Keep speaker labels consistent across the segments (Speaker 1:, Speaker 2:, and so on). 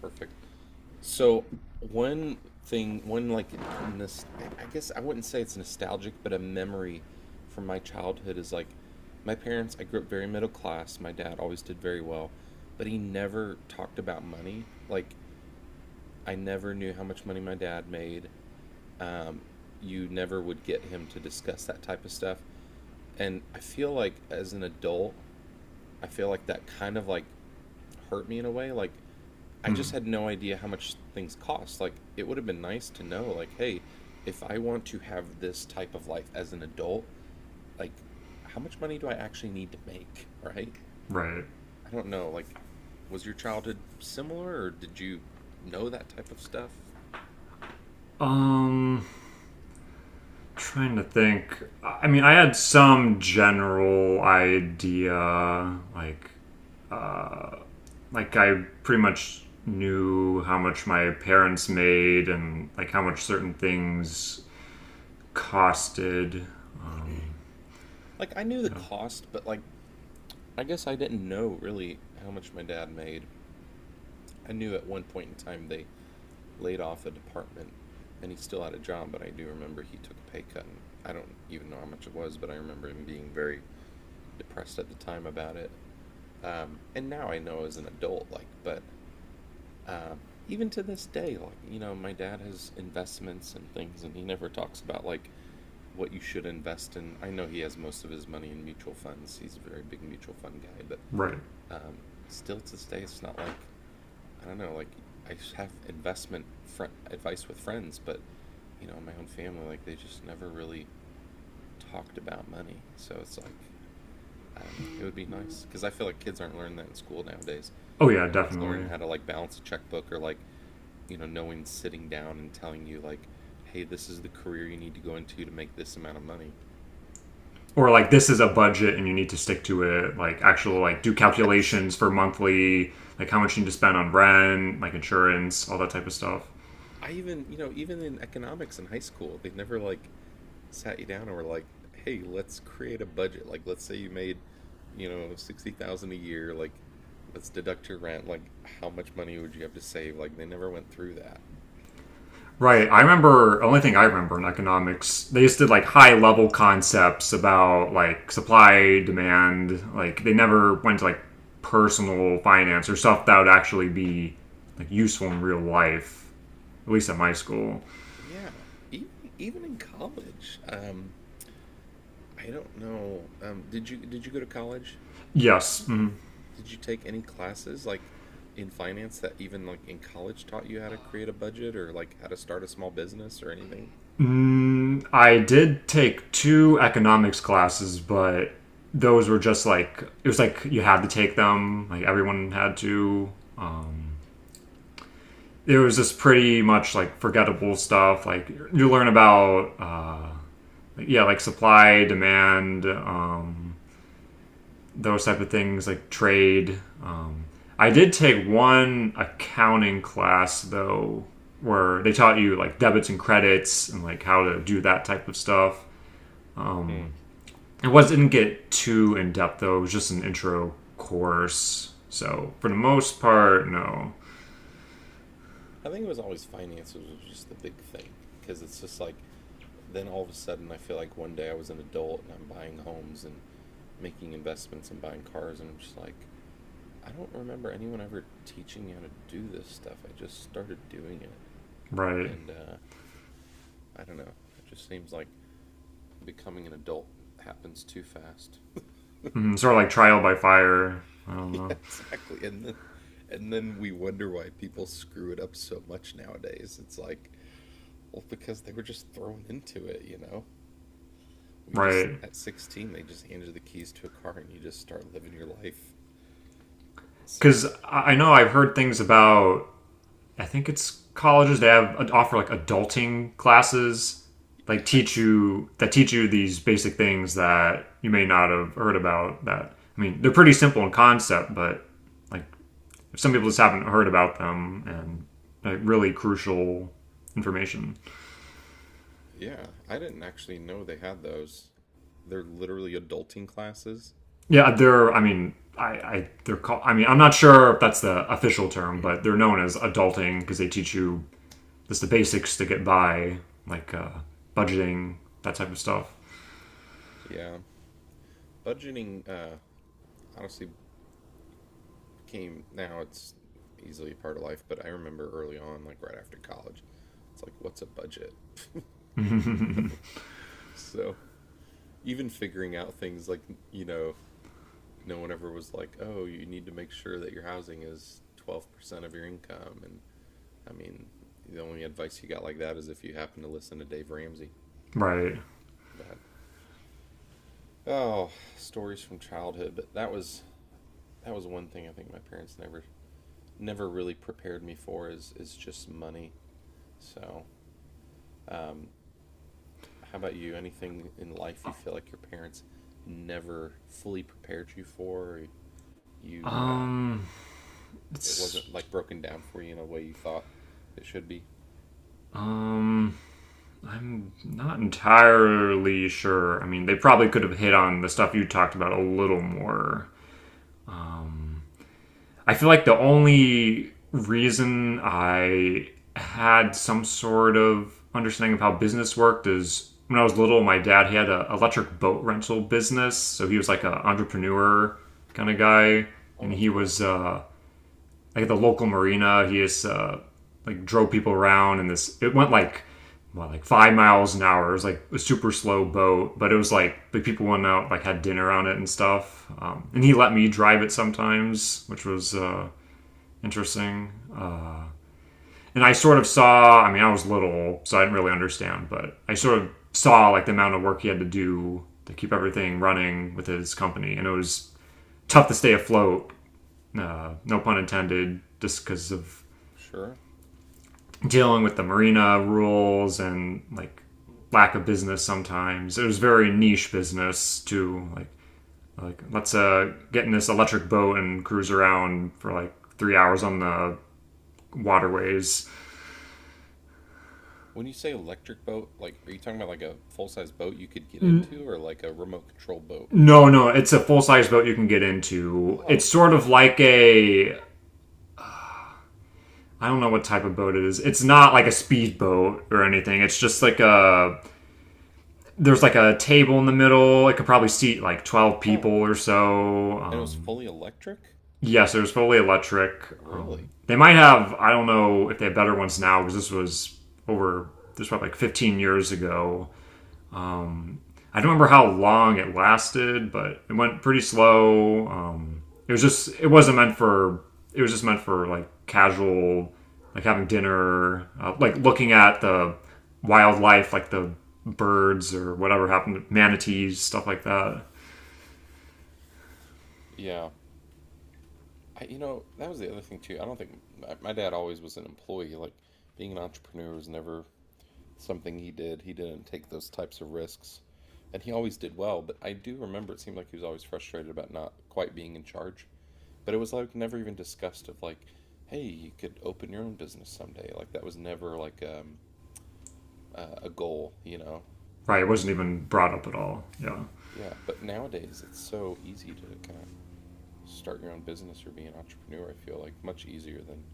Speaker 1: Perfect. So one thing, one like, nos I guess I wouldn't say it's nostalgic, but a memory from my childhood is like my parents, I grew up very middle class. My dad always did very well, but he never talked about money. Like I never knew how much money my dad made. Um, you never would get him to discuss that type of stuff. And I feel like as an adult, I feel like that kind of like hurt me in a way. Like, I just
Speaker 2: Hmm.
Speaker 1: had no idea how much things cost. Like, it would have been nice to know, like, hey, if I want to have this type of life as an adult, like, how much money do I actually need to make, right?
Speaker 2: Right.
Speaker 1: I don't know. Like, was your childhood similar or did you know that type of stuff?
Speaker 2: Um trying to think. I mean, I had some general idea, like I pretty much knew how much my parents made and like how much certain things costed.
Speaker 1: Like, I knew the
Speaker 2: Yeah.
Speaker 1: cost, but like, I guess I didn't know really how much my dad made. I knew at one point in time they laid off a department and he still had a job, but I do remember he took a pay cut and I don't even know how much it was, but I remember him being very depressed at the time about it. And now I know as an adult, like, but even to this day, like, my dad has investments and things and he never talks about like what you should invest in. I know he has most of his money in mutual funds. He's a very big mutual fund guy, but
Speaker 2: Right.
Speaker 1: um, still to this day, it's not like I don't know, like I have investment advice with friends, but in my own family, like they just never really talked about money. So it's like, I don't know. It would be nice because I feel like kids aren't learning that in school nowadays.
Speaker 2: Oh yeah,
Speaker 1: No one's learning
Speaker 2: definitely.
Speaker 1: how to like balance a checkbook or like, no one's sitting down and telling you like, hey, this is the career you need to go into to make this amount of money.
Speaker 2: Or like this is a budget and you need to stick to it. Like actual like do
Speaker 1: Yes.
Speaker 2: calculations for monthly, like how much you need to spend on rent, like insurance, all that type of stuff.
Speaker 1: I even, even in economics in high school, they never like sat you down and were like, "Hey, let's create a budget. Like, let's say you made, 60,000 a year. Like, let's deduct your rent. Like, how much money would you have to save?" Like, they never went through that.
Speaker 2: Right. I remember only thing I remember in economics, they just did like high level concepts about like supply, demand, like they never went to like personal finance or stuff that would actually be like useful in real life, at least at my school.
Speaker 1: Yeah, even even in college, I don't know. Did you go to college?
Speaker 2: Yes. Mm.
Speaker 1: Did you take any classes like in finance that even like in college taught you how to create a budget or like how to start a small business or anything?
Speaker 2: Mm, I did take two economics classes, but those were just like it was like you had to take them, like everyone had to It was just pretty much like forgettable stuff. Like you learn about, yeah, like supply, demand, those type of things, like trade. I did take one accounting class though, where they taught you like debits and credits and like how to do that type of stuff.
Speaker 1: Hmm.
Speaker 2: Um, it was didn't get too in depth though. It was just an intro course. So for the most part, no,
Speaker 1: I think it was always finances was just the big thing because it's just like then all of a sudden I feel like one day I was an adult and I'm buying homes and making investments and buying cars and I'm just like I don't remember anyone ever teaching you how to do this stuff. I just started doing it
Speaker 2: right?
Speaker 1: and I don't know. It just seems like becoming an adult happens too fast.
Speaker 2: Mm, sort of like trial by fire. I don't
Speaker 1: Yeah,
Speaker 2: know,
Speaker 1: exactly. And then we wonder why people screw it up so much nowadays. It's like, well, because they were just thrown into it, you know? We just
Speaker 2: right?
Speaker 1: at 16 they just handed the keys to a car and you just start living your life. So,
Speaker 2: Because I know I've heard things about. I think it's colleges that have offer like adulting classes, like teach
Speaker 1: yes.
Speaker 2: you that teach you these basic things that you may not have heard about. That I mean, they're pretty simple in concept, but like some people just haven't heard about them, and like really crucial information.
Speaker 1: Yeah, I didn't actually know they had those. They're literally adulting classes.
Speaker 2: Yeah, they're. I mean, I they're called. I mean, I'm not sure if that's the official term, but they're known as adulting because they teach you just the basics to get by, like budgeting, that type of stuff.
Speaker 1: Yeah. Budgeting honestly became now it's easily a part of life, but I remember early on like right after college, it's like what's a budget? So, even figuring out things like, you know, no one ever was like, "Oh, you need to make sure that your housing is 12% of your income and I mean, the only advice you got like that is if you happen to listen to Dave Ramsey."
Speaker 2: Right.
Speaker 1: But oh, stories from childhood. But that was one thing I think my parents never really prepared me for is just money. So, um, how about you? Anything in life you feel like your parents never fully prepared you for? Or you
Speaker 2: Um.
Speaker 1: it
Speaker 2: It's.
Speaker 1: wasn't like broken down for you in a way you thought it should be.
Speaker 2: Um. I'm not entirely sure. I mean, they probably could have hit on the stuff you talked about a little more. I feel like the only reason I had some sort of understanding of how business worked is when I was little, my dad he had an electric boat rental business, so he was like
Speaker 1: Oh,
Speaker 2: an
Speaker 1: you're like,
Speaker 2: entrepreneur kind of guy,
Speaker 1: oh,
Speaker 2: and
Speaker 1: that's
Speaker 2: he
Speaker 1: cool.
Speaker 2: was like at the local marina. He just like drove people around, and this it went like what like 5 miles an hour. It was like a super slow boat, but it was like the people went out like had dinner on it and stuff. And he let me drive it sometimes, which was interesting. And I sort of saw, I mean, I was little, so I didn't really understand, but I sort of saw like the amount of work he had to do to keep everything running with his company. And it was tough to stay afloat, no pun intended, just because of
Speaker 1: Sure.
Speaker 2: dealing with the marina rules and like lack of business sometimes. It was very niche business too. Like let's get in this electric boat and cruise around for like 3 hours on the waterways.
Speaker 1: When you say electric boat, like are you talking about like a full-size boat you could get into or like a remote control boat?
Speaker 2: No, no, it's a full size boat you can get into. It's
Speaker 1: Oh,
Speaker 2: sort of like a I don't know what type of boat it is. It's not like a speedboat or anything. It's just like a there's like a table in the middle. It could probably seat like 12
Speaker 1: huh.
Speaker 2: people or so.
Speaker 1: And it was fully electric?
Speaker 2: Yes, it was fully electric.
Speaker 1: Really?
Speaker 2: They might have I don't know if they have better ones now because this was probably like 15 years ago. I don't remember how long it lasted, but it went pretty slow. It was just it wasn't meant for it was just meant for like casual, like having dinner, like looking at the wildlife, like the birds or whatever happened, manatees, stuff like that.
Speaker 1: Yeah. I, that was the other thing too. I don't think my dad always was an employee. Like being an entrepreneur was never something he did. He didn't take those types of risks. And he always did well, but I do remember it seemed like he was always frustrated about not quite being in charge. But it was like never even discussed of like, hey, you could open your own business someday. Like that was never like a goal, you know?
Speaker 2: Right, it wasn't even brought up at all. Yeah,
Speaker 1: Yeah. But nowadays, it's so easy to kind of start your own business or be an entrepreneur, I feel like much easier than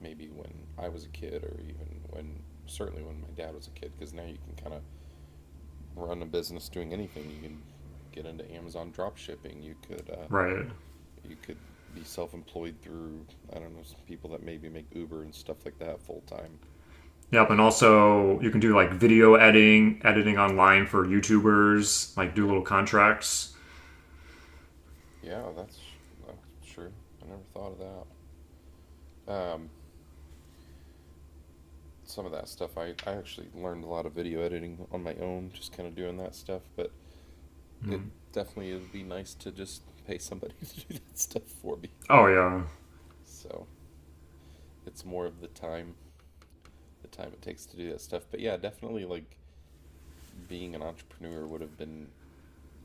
Speaker 1: maybe when I was a kid or even when certainly when my dad was a kid because now you can kind of run a business doing anything. You can get into Amazon drop shipping.
Speaker 2: right.
Speaker 1: You could be self-employed through I don't know some people that maybe make Uber and stuff like that full time.
Speaker 2: Yep, and
Speaker 1: So
Speaker 2: also you can do like video editing, editing online for YouTubers, like do
Speaker 1: yeah,
Speaker 2: little contracts.
Speaker 1: yeah, that's true. I never thought of that. Some of that stuff. I actually learned a lot of video editing on my own, just kind of doing that stuff. But it
Speaker 2: Mm.
Speaker 1: definitely it would be nice to just pay somebody to do that stuff for me.
Speaker 2: Oh yeah,
Speaker 1: So it's more of the time it takes to do that stuff. But yeah, definitely like being an entrepreneur would have been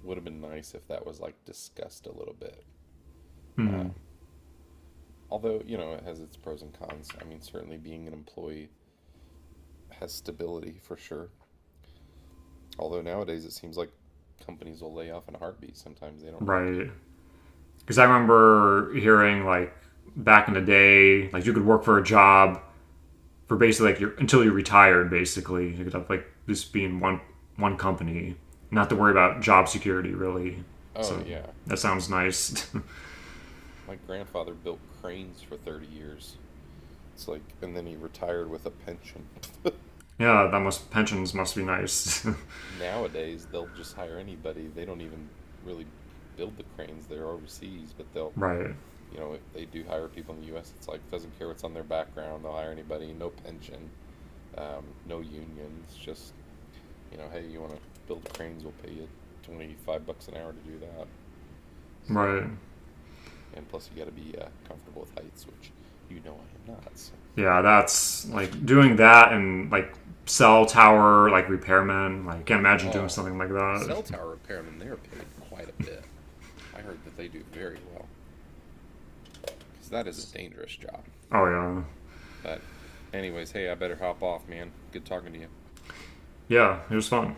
Speaker 1: would have been nice if that was like discussed a little bit.
Speaker 2: mm,
Speaker 1: Um, although you know it has its pros and cons. I mean, certainly being an employee has stability for sure. Although nowadays it seems like companies will lay off in a heartbeat. Sometimes they don't really care.
Speaker 2: right. Because I
Speaker 1: So
Speaker 2: remember hearing like back in the day, like you could work for a job for basically like your until you retired. Basically, you could have like this being one company, not to worry about job security really.
Speaker 1: oh
Speaker 2: So
Speaker 1: yeah.
Speaker 2: that sounds nice.
Speaker 1: My grandfather built cranes for 30 years. It's like and then he retired with a pension.
Speaker 2: yeah, that must pensions must be nice.
Speaker 1: Nowadays they'll just hire anybody. They don't even really build the cranes. They're overseas, but they'll,
Speaker 2: right,
Speaker 1: you know, if they do hire people in the US, it's like doesn't care what's on their background. They'll hire anybody, no pension, no unions, just, you know, hey, you want to build cranes, we'll pay you 25 bucks an hour to do that. So,
Speaker 2: right.
Speaker 1: and plus you got to be comfortable with heights, which you know I am not. So
Speaker 2: Yeah, that's like doing that and like cell tower like repairman. Like can't imagine doing
Speaker 1: oh,
Speaker 2: something like that.
Speaker 1: cell tower repairmen, they're paid quite a bit. I heard that they do very well because that is a dangerous job.
Speaker 2: oh yeah,
Speaker 1: But, anyways, hey, I better hop off, man. Good talking to you.
Speaker 2: yeah. It was fun.